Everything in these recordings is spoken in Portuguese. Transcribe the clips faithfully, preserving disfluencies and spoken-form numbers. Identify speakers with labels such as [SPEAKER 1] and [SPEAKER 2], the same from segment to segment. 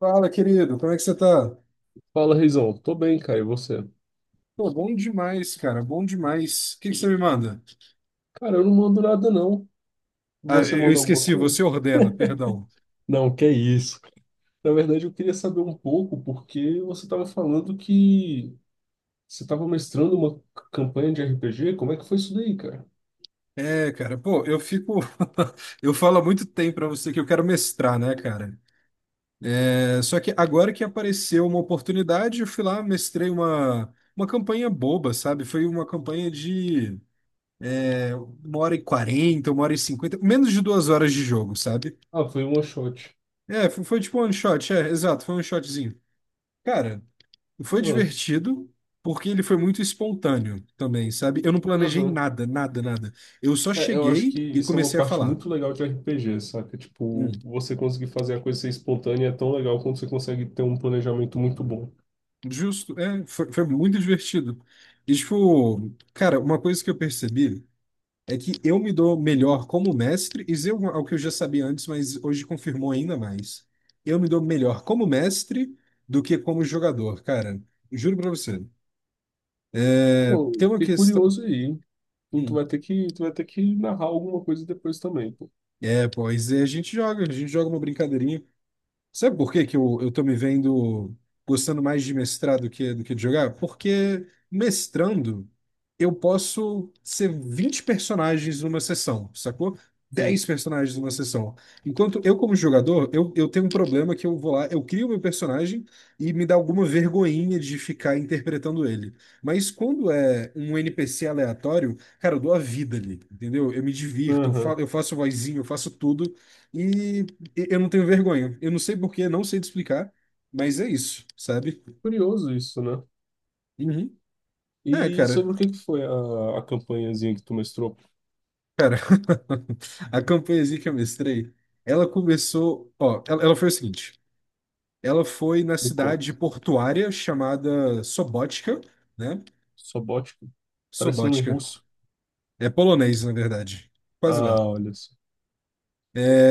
[SPEAKER 1] Fala, querido, como é que você tá?
[SPEAKER 2] Fala, Reizão. Tô bem, cara. E você?
[SPEAKER 1] Pô, bom demais, cara, bom demais. O que que você me manda?
[SPEAKER 2] Cara, eu não mando nada, não.
[SPEAKER 1] Ah,
[SPEAKER 2] Você
[SPEAKER 1] eu eu
[SPEAKER 2] manda alguma
[SPEAKER 1] esqueci, você
[SPEAKER 2] coisa?
[SPEAKER 1] ordena, perdão.
[SPEAKER 2] Não, que isso. Na verdade, eu queria saber um pouco, porque você estava falando que você estava mestrando uma c- campanha de R P G. Como é que foi isso daí, cara?
[SPEAKER 1] É, cara, pô, eu fico. Eu falo há muito tempo pra você que eu quero mestrar, né, cara? É, só que agora que apareceu uma oportunidade, eu fui lá, mestrei uma, uma campanha boba, sabe? Foi uma campanha de é, uma hora e quarenta, uma hora e cinquenta, menos de duas horas de jogo, sabe?
[SPEAKER 2] Ah, foi um one shot.
[SPEAKER 1] É, foi, foi tipo um one shot, é, exato, foi um shotzinho. Cara, foi
[SPEAKER 2] Ah,
[SPEAKER 1] divertido, porque ele foi muito espontâneo também, sabe? Eu não planejei
[SPEAKER 2] aham.
[SPEAKER 1] nada, nada, nada. Eu só
[SPEAKER 2] É, eu acho
[SPEAKER 1] cheguei
[SPEAKER 2] que
[SPEAKER 1] e
[SPEAKER 2] isso é uma
[SPEAKER 1] comecei a
[SPEAKER 2] parte
[SPEAKER 1] falar.
[SPEAKER 2] muito legal de R P G, saca?
[SPEAKER 1] Hum,
[SPEAKER 2] Tipo, você conseguir fazer a coisa ser espontânea é tão legal quanto você consegue ter um planejamento muito bom.
[SPEAKER 1] justo, é, foi, foi muito divertido. E, tipo, cara, uma coisa que eu percebi é que eu me dou melhor como mestre, isso é uma- algo que eu já sabia antes, mas hoje confirmou ainda mais. Eu me dou melhor como mestre do que como jogador, cara. Juro pra você. É,
[SPEAKER 2] Pô,
[SPEAKER 1] tem uma
[SPEAKER 2] fiquei
[SPEAKER 1] questão.
[SPEAKER 2] curioso aí. Tu, tu
[SPEAKER 1] Hum,
[SPEAKER 2] vai ter que, tu vai ter que narrar alguma coisa depois também, pô.
[SPEAKER 1] é, pois é, a gente joga, a gente joga uma brincadeirinha. Sabe por que que eu, eu tô me vendo gostando mais de mestrar do que, do que de jogar? Porque mestrando eu posso ser vinte personagens numa sessão, sacou?
[SPEAKER 2] Sim.
[SPEAKER 1] Dez personagens numa sessão. Enquanto eu, como jogador, eu, eu tenho um problema que eu vou lá, eu crio meu personagem e me dá alguma vergonhinha de ficar interpretando ele. Mas quando é um N P C aleatório, cara, eu dou a vida ali, entendeu? Eu me divirto, eu fa-
[SPEAKER 2] Aham.
[SPEAKER 1] eu faço vozinho, eu faço tudo. E e- eu não tenho vergonha. Eu não sei porquê, não sei te explicar, mas é isso, sabe?
[SPEAKER 2] Curioso isso, né?
[SPEAKER 1] Uhum. É,
[SPEAKER 2] E
[SPEAKER 1] cara,
[SPEAKER 2] sobre o que que foi a, a campanhazinha que tu mestrou?
[SPEAKER 1] cara, a campanhazinha que eu mestrei, ela começou, ó, ela, ela foi o seguinte, ela foi na
[SPEAKER 2] Me conta.
[SPEAKER 1] cidade portuária chamada Sobótica, né?
[SPEAKER 2] Sobótica? Parece nome
[SPEAKER 1] Sobótica,
[SPEAKER 2] russo.
[SPEAKER 1] é polonês, na verdade, quase lá.
[SPEAKER 2] Ah, olha só.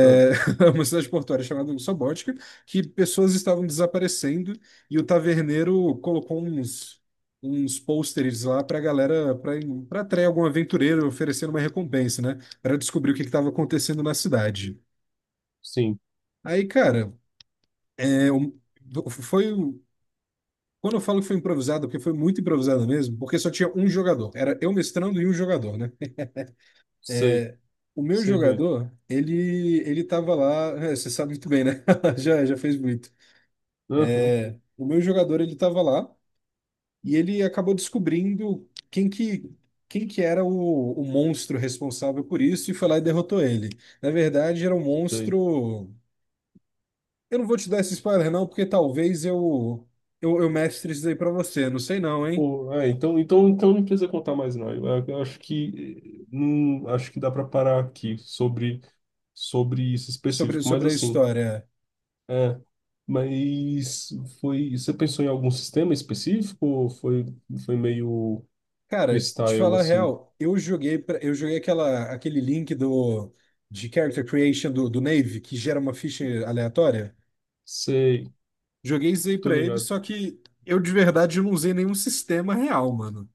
[SPEAKER 2] Ah,
[SPEAKER 1] uma cidade portuária chamada Sobótica, que pessoas estavam desaparecendo e o taverneiro colocou uns, uns pôsteres lá para a galera, para atrair algum aventureiro oferecendo uma recompensa, né? Para descobrir o que estava acontecendo na cidade.
[SPEAKER 2] sim,
[SPEAKER 1] Aí, cara, é, um- foi. um- quando eu falo que foi improvisado, porque foi muito improvisado mesmo, porque só tinha um jogador. Era eu mestrando e um jogador, né?
[SPEAKER 2] sei.
[SPEAKER 1] O meu
[SPEAKER 2] Sei bem.
[SPEAKER 1] jogador, ele ele tava lá, é, você sabe muito bem, né? Já, já fez muito.
[SPEAKER 2] Aham,
[SPEAKER 1] O meu jogador, ele estava lá e ele acabou descobrindo quem que, quem que era o, o monstro responsável por isso e foi lá e derrotou ele. Na verdade, era um
[SPEAKER 2] sei.
[SPEAKER 1] monstro... Eu não vou te dar esse spoiler não, porque talvez eu, eu, eu mestre isso aí pra você. Não sei não, hein?
[SPEAKER 2] Pô, é, então, então, então não precisa contar mais, não. Eu, eu acho que, eh, não, acho que dá para parar aqui sobre, sobre isso
[SPEAKER 1] Sobre,
[SPEAKER 2] específico. Mas
[SPEAKER 1] sobre a
[SPEAKER 2] assim,
[SPEAKER 1] história.
[SPEAKER 2] é, mas foi. Você pensou em algum sistema específico ou foi, foi meio
[SPEAKER 1] Cara, de
[SPEAKER 2] freestyle
[SPEAKER 1] falar a
[SPEAKER 2] assim?
[SPEAKER 1] real, eu joguei, pra- eu joguei aquela, aquele link do, de character creation do, do Navy, que gera uma ficha aleatória.
[SPEAKER 2] Sei,
[SPEAKER 1] Joguei isso aí
[SPEAKER 2] tô
[SPEAKER 1] pra ele,
[SPEAKER 2] ligado.
[SPEAKER 1] só que eu de verdade não usei nenhum sistema real, mano.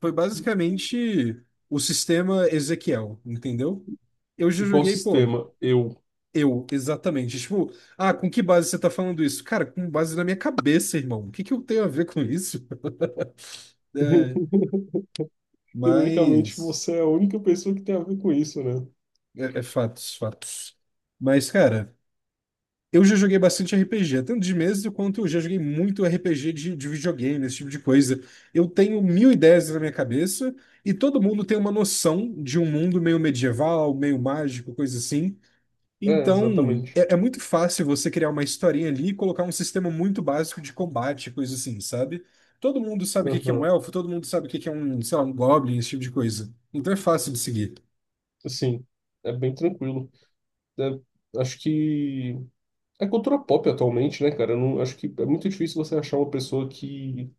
[SPEAKER 1] Foi basicamente o sistema Ezequiel, entendeu? Eu já
[SPEAKER 2] Qual
[SPEAKER 1] joguei, pô,
[SPEAKER 2] sistema? Eu.
[SPEAKER 1] eu, exatamente. Tipo, ah, com que base você tá falando isso? Cara, com base na minha cabeça, irmão. O que que eu tenho a ver com isso? É,
[SPEAKER 2] Ironicamente,
[SPEAKER 1] mas.
[SPEAKER 2] você é a única pessoa que tem a ver com isso, né?
[SPEAKER 1] É, é fatos, fatos. Mas, cara. Eu já joguei bastante R P G, tanto de mesa quanto eu já joguei muito R P G de, de videogame, esse tipo de coisa. Eu tenho mil ideias na minha cabeça e todo mundo tem uma noção de um mundo meio medieval, meio mágico, coisa assim.
[SPEAKER 2] É,
[SPEAKER 1] Então,
[SPEAKER 2] exatamente.
[SPEAKER 1] é, é muito fácil você criar uma historinha ali e colocar um sistema muito básico de combate, coisa assim, sabe? Todo mundo sabe o que que é um
[SPEAKER 2] Uhum.
[SPEAKER 1] elfo, todo mundo sabe o que que é um, sei lá, um goblin, esse tipo de coisa. Então é fácil de seguir.
[SPEAKER 2] Assim, é bem tranquilo. É, acho que é cultura pop atualmente, né, cara? Eu não, acho que é muito difícil você achar uma pessoa que,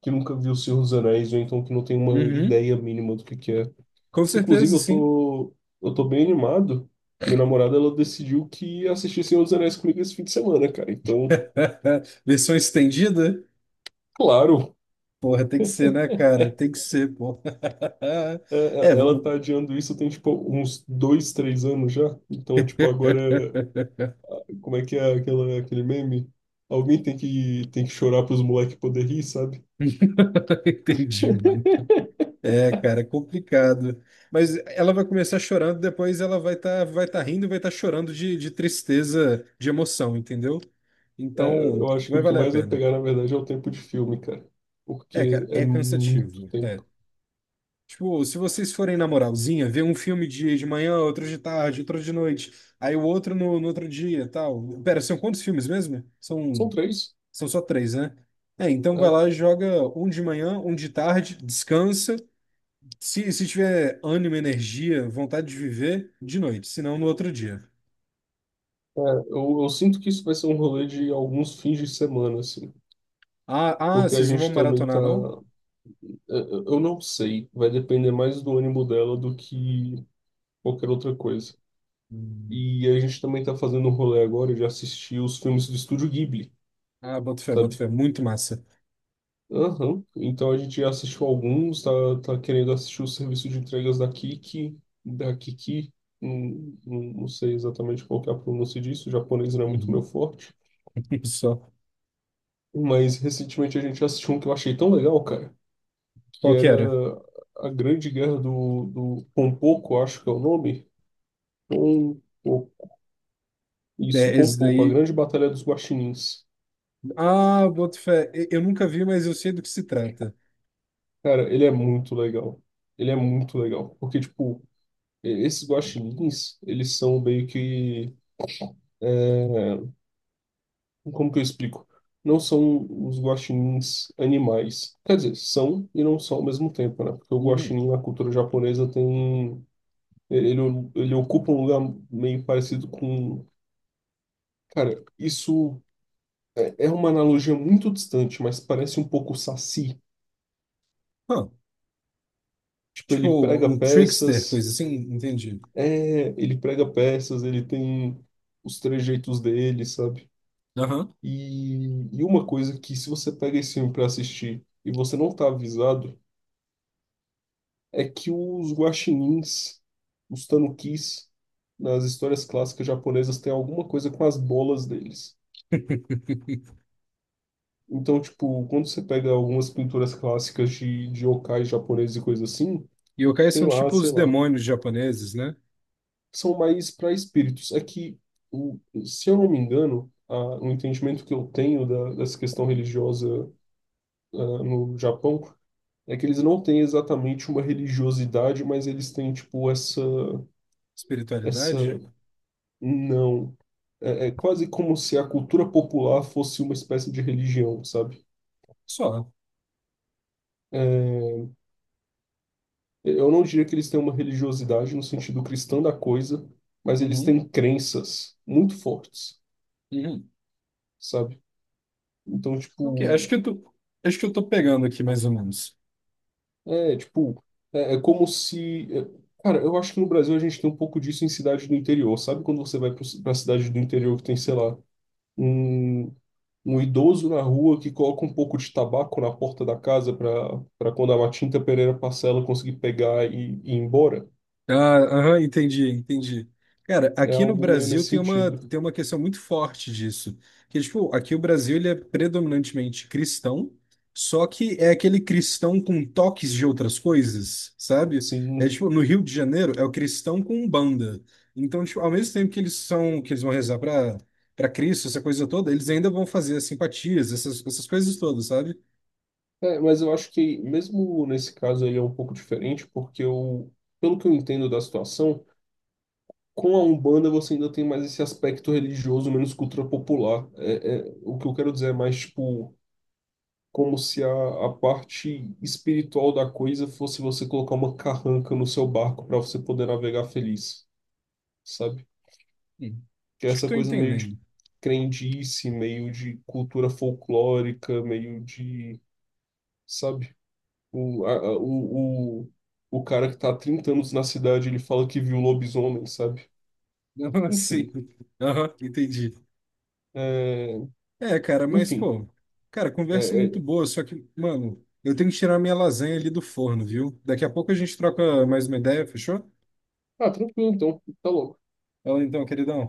[SPEAKER 2] que nunca viu o Senhor dos Anéis ou então que não tem uma
[SPEAKER 1] Uhum,
[SPEAKER 2] ideia mínima do que que é.
[SPEAKER 1] com
[SPEAKER 2] Inclusive,
[SPEAKER 1] certeza,
[SPEAKER 2] eu
[SPEAKER 1] sim.
[SPEAKER 2] tô, eu tô bem animado. Minha namorada, ela decidiu que ia assistir Senhor dos Anéis comigo esse fim de semana, cara. Então,
[SPEAKER 1] Versão estendida?
[SPEAKER 2] claro,
[SPEAKER 1] Porra, tem que ser, né, cara? Tem que ser, porra.
[SPEAKER 2] é-
[SPEAKER 1] É,
[SPEAKER 2] é- ela
[SPEAKER 1] viu?
[SPEAKER 2] tá adiando isso tem, tipo, uns dois, três anos já. Então, tipo, agora, como é que é aquela, aquele meme? Alguém tem que, tem que chorar pros moleques poder rir, sabe?
[SPEAKER 1] Entendi, mano. É, cara, é complicado. Mas ela vai começar chorando, depois ela vai estar vai tá rindo e vai estar chorando de, de tristeza, de emoção, entendeu?
[SPEAKER 2] É,
[SPEAKER 1] Então,
[SPEAKER 2] eu acho que
[SPEAKER 1] vai
[SPEAKER 2] o que
[SPEAKER 1] valer a
[SPEAKER 2] mais vai
[SPEAKER 1] pena.
[SPEAKER 2] pegar, na verdade, é o tempo de filme, cara.
[SPEAKER 1] É,
[SPEAKER 2] Porque
[SPEAKER 1] cara,
[SPEAKER 2] é
[SPEAKER 1] é cansativo.
[SPEAKER 2] muito
[SPEAKER 1] Né? É.
[SPEAKER 2] tempo.
[SPEAKER 1] Tipo, se vocês forem na moralzinha, ver um filme de, de manhã, outro de tarde, outro de noite, aí o outro no, no outro dia, tal. Pera, são quantos filmes mesmo?
[SPEAKER 2] São
[SPEAKER 1] São.
[SPEAKER 2] três,
[SPEAKER 1] São só três, né? É, então vai
[SPEAKER 2] né?
[SPEAKER 1] lá, joga um de manhã, um de tarde, descansa. Se, se tiver ânimo, energia, vontade de viver, de noite, senão no outro dia.
[SPEAKER 2] É, eu, eu sinto que isso vai ser um rolê de alguns fins de semana, assim.
[SPEAKER 1] Ah, ah,
[SPEAKER 2] Porque a
[SPEAKER 1] vocês não vão
[SPEAKER 2] gente também tá.
[SPEAKER 1] maratonar, não?
[SPEAKER 2] Eu eu não sei, vai depender mais do ânimo dela do que qualquer outra coisa.
[SPEAKER 1] Hum.
[SPEAKER 2] E a gente também tá fazendo um rolê agora de assistir os filmes do Estúdio Ghibli,
[SPEAKER 1] Ah, boto fé, boto
[SPEAKER 2] sabe?
[SPEAKER 1] fé. Muito massa.
[SPEAKER 2] Aham. Então a gente já assistiu alguns, tá, tá querendo assistir o serviço de entregas da Kiki, da Kiki. Hum, hum, Não sei exatamente qual que é a pronúncia disso, o japonês não é muito
[SPEAKER 1] Uhum.
[SPEAKER 2] meu forte.
[SPEAKER 1] Só.
[SPEAKER 2] Mas recentemente a gente assistiu um que eu achei tão legal, cara. Que
[SPEAKER 1] Qual que
[SPEAKER 2] era
[SPEAKER 1] era?
[SPEAKER 2] a Grande Guerra do, do Pompoco, acho que é o nome. Pompoco. Isso,
[SPEAKER 1] É, esse
[SPEAKER 2] Pompoco, a
[SPEAKER 1] daí.
[SPEAKER 2] Grande Batalha dos Guaxinins.
[SPEAKER 1] Ah, boto fé. E- Eu nunca vi, mas eu sei do que se trata.
[SPEAKER 2] Cara, ele é muito legal. Ele é muito legal. Porque, tipo, e- esses guaxinins, eles são meio que. É, como que eu explico? Não são os guaxinins animais. Quer dizer, são e não são ao mesmo tempo, né? Porque o
[SPEAKER 1] Uhum.
[SPEAKER 2] guaxinim na cultura japonesa tem. Ele, ele ocupa um lugar meio parecido com. Cara, isso é, é uma analogia muito distante, mas parece um pouco o Saci.
[SPEAKER 1] Ah,
[SPEAKER 2] Tipo, ele
[SPEAKER 1] tipo,
[SPEAKER 2] prega
[SPEAKER 1] um trickster,
[SPEAKER 2] peças,
[SPEAKER 1] coisa assim, entendi.
[SPEAKER 2] é, ele prega peças, ele tem os trejeitos dele, sabe?
[SPEAKER 1] Aham.
[SPEAKER 2] E, e uma coisa que se você pega esse filme pra assistir e você não tá avisado, é que os guaxinins, os tanukis, nas histórias clássicas japonesas têm alguma coisa com as bolas deles. Então, tipo, quando você pega algumas pinturas clássicas de, de yokai japoneses e coisa assim,
[SPEAKER 1] Yokais são
[SPEAKER 2] tem lá,
[SPEAKER 1] tipo
[SPEAKER 2] sei
[SPEAKER 1] os
[SPEAKER 2] lá,
[SPEAKER 1] demônios japoneses, né?
[SPEAKER 2] são mais para espíritos. É que, o- se eu não me engano, a, o entendimento que eu tenho da, dessa questão religiosa, ah, no Japão é que eles não têm exatamente uma religiosidade, mas eles têm, tipo, essa, essa,
[SPEAKER 1] Espiritualidade?
[SPEAKER 2] não. É, é quase como se a cultura popular fosse uma espécie de religião, sabe?
[SPEAKER 1] Só.
[SPEAKER 2] É, eu não diria que eles têm uma religiosidade no sentido cristão da coisa, mas eles
[SPEAKER 1] Uhum,
[SPEAKER 2] têm crenças muito fortes,
[SPEAKER 1] uhum.
[SPEAKER 2] sabe? Então,
[SPEAKER 1] Ok, acho
[SPEAKER 2] tipo,
[SPEAKER 1] que eu tô, acho que eu tô pegando aqui mais ou menos.
[SPEAKER 2] é, tipo, é, é como se. É, cara, eu acho que no Brasil a gente tem um pouco disso em cidades do interior. Sabe quando você vai pro- pra cidade do interior que tem, sei lá, um, um idoso na rua que coloca um pouco de tabaco na porta da casa pra, pra quando a Matinta Pereira Parcela conseguir pegar e, e ir embora?
[SPEAKER 1] Ah, aham, entendi, entendi. Cara,
[SPEAKER 2] É
[SPEAKER 1] aqui no
[SPEAKER 2] algo meio
[SPEAKER 1] Brasil
[SPEAKER 2] nesse
[SPEAKER 1] tem uma,
[SPEAKER 2] sentido.
[SPEAKER 1] tem uma questão muito forte disso. Que, tipo, aqui o Brasil ele é predominantemente cristão, só que é aquele cristão com toques de outras coisas, sabe? É
[SPEAKER 2] Sim.
[SPEAKER 1] tipo, no Rio de Janeiro é o cristão com Umbanda. Então, tipo, ao mesmo tempo que eles são, que eles vão rezar para para Cristo, essa coisa toda, eles ainda vão fazer as simpatias, essas, essas coisas todas, sabe?
[SPEAKER 2] É, mas eu acho que mesmo nesse caso ele é um pouco diferente, porque eu, pelo que eu entendo da situação. Com a Umbanda você ainda tem mais esse aspecto religioso, menos cultura popular. É, é- o que eu quero dizer é mais, tipo, como se a, a parte espiritual da coisa fosse você colocar uma carranca no seu barco para você poder navegar feliz, sabe?
[SPEAKER 1] Hum.
[SPEAKER 2] Que é
[SPEAKER 1] Acho que
[SPEAKER 2] essa
[SPEAKER 1] tô
[SPEAKER 2] coisa meio de
[SPEAKER 1] entendendo.
[SPEAKER 2] crendice, meio de cultura folclórica, meio de, sabe? O, a- a- o, o, o cara que tá há trinta anos na cidade, ele fala que viu lobisomem, sabe?
[SPEAKER 1] Não,
[SPEAKER 2] Enfim,
[SPEAKER 1] assim. Aham, entendi.
[SPEAKER 2] é,
[SPEAKER 1] É, cara, mas,
[SPEAKER 2] enfim.
[SPEAKER 1] pô, cara, conversa é
[SPEAKER 2] É,
[SPEAKER 1] muito
[SPEAKER 2] é,
[SPEAKER 1] boa, só que, mano, eu tenho que tirar minha lasanha ali do forno, viu? Daqui a pouco a gente troca mais uma ideia, fechou?
[SPEAKER 2] ah, tranquilo, então. Tá louco.
[SPEAKER 1] Fala então, queridão.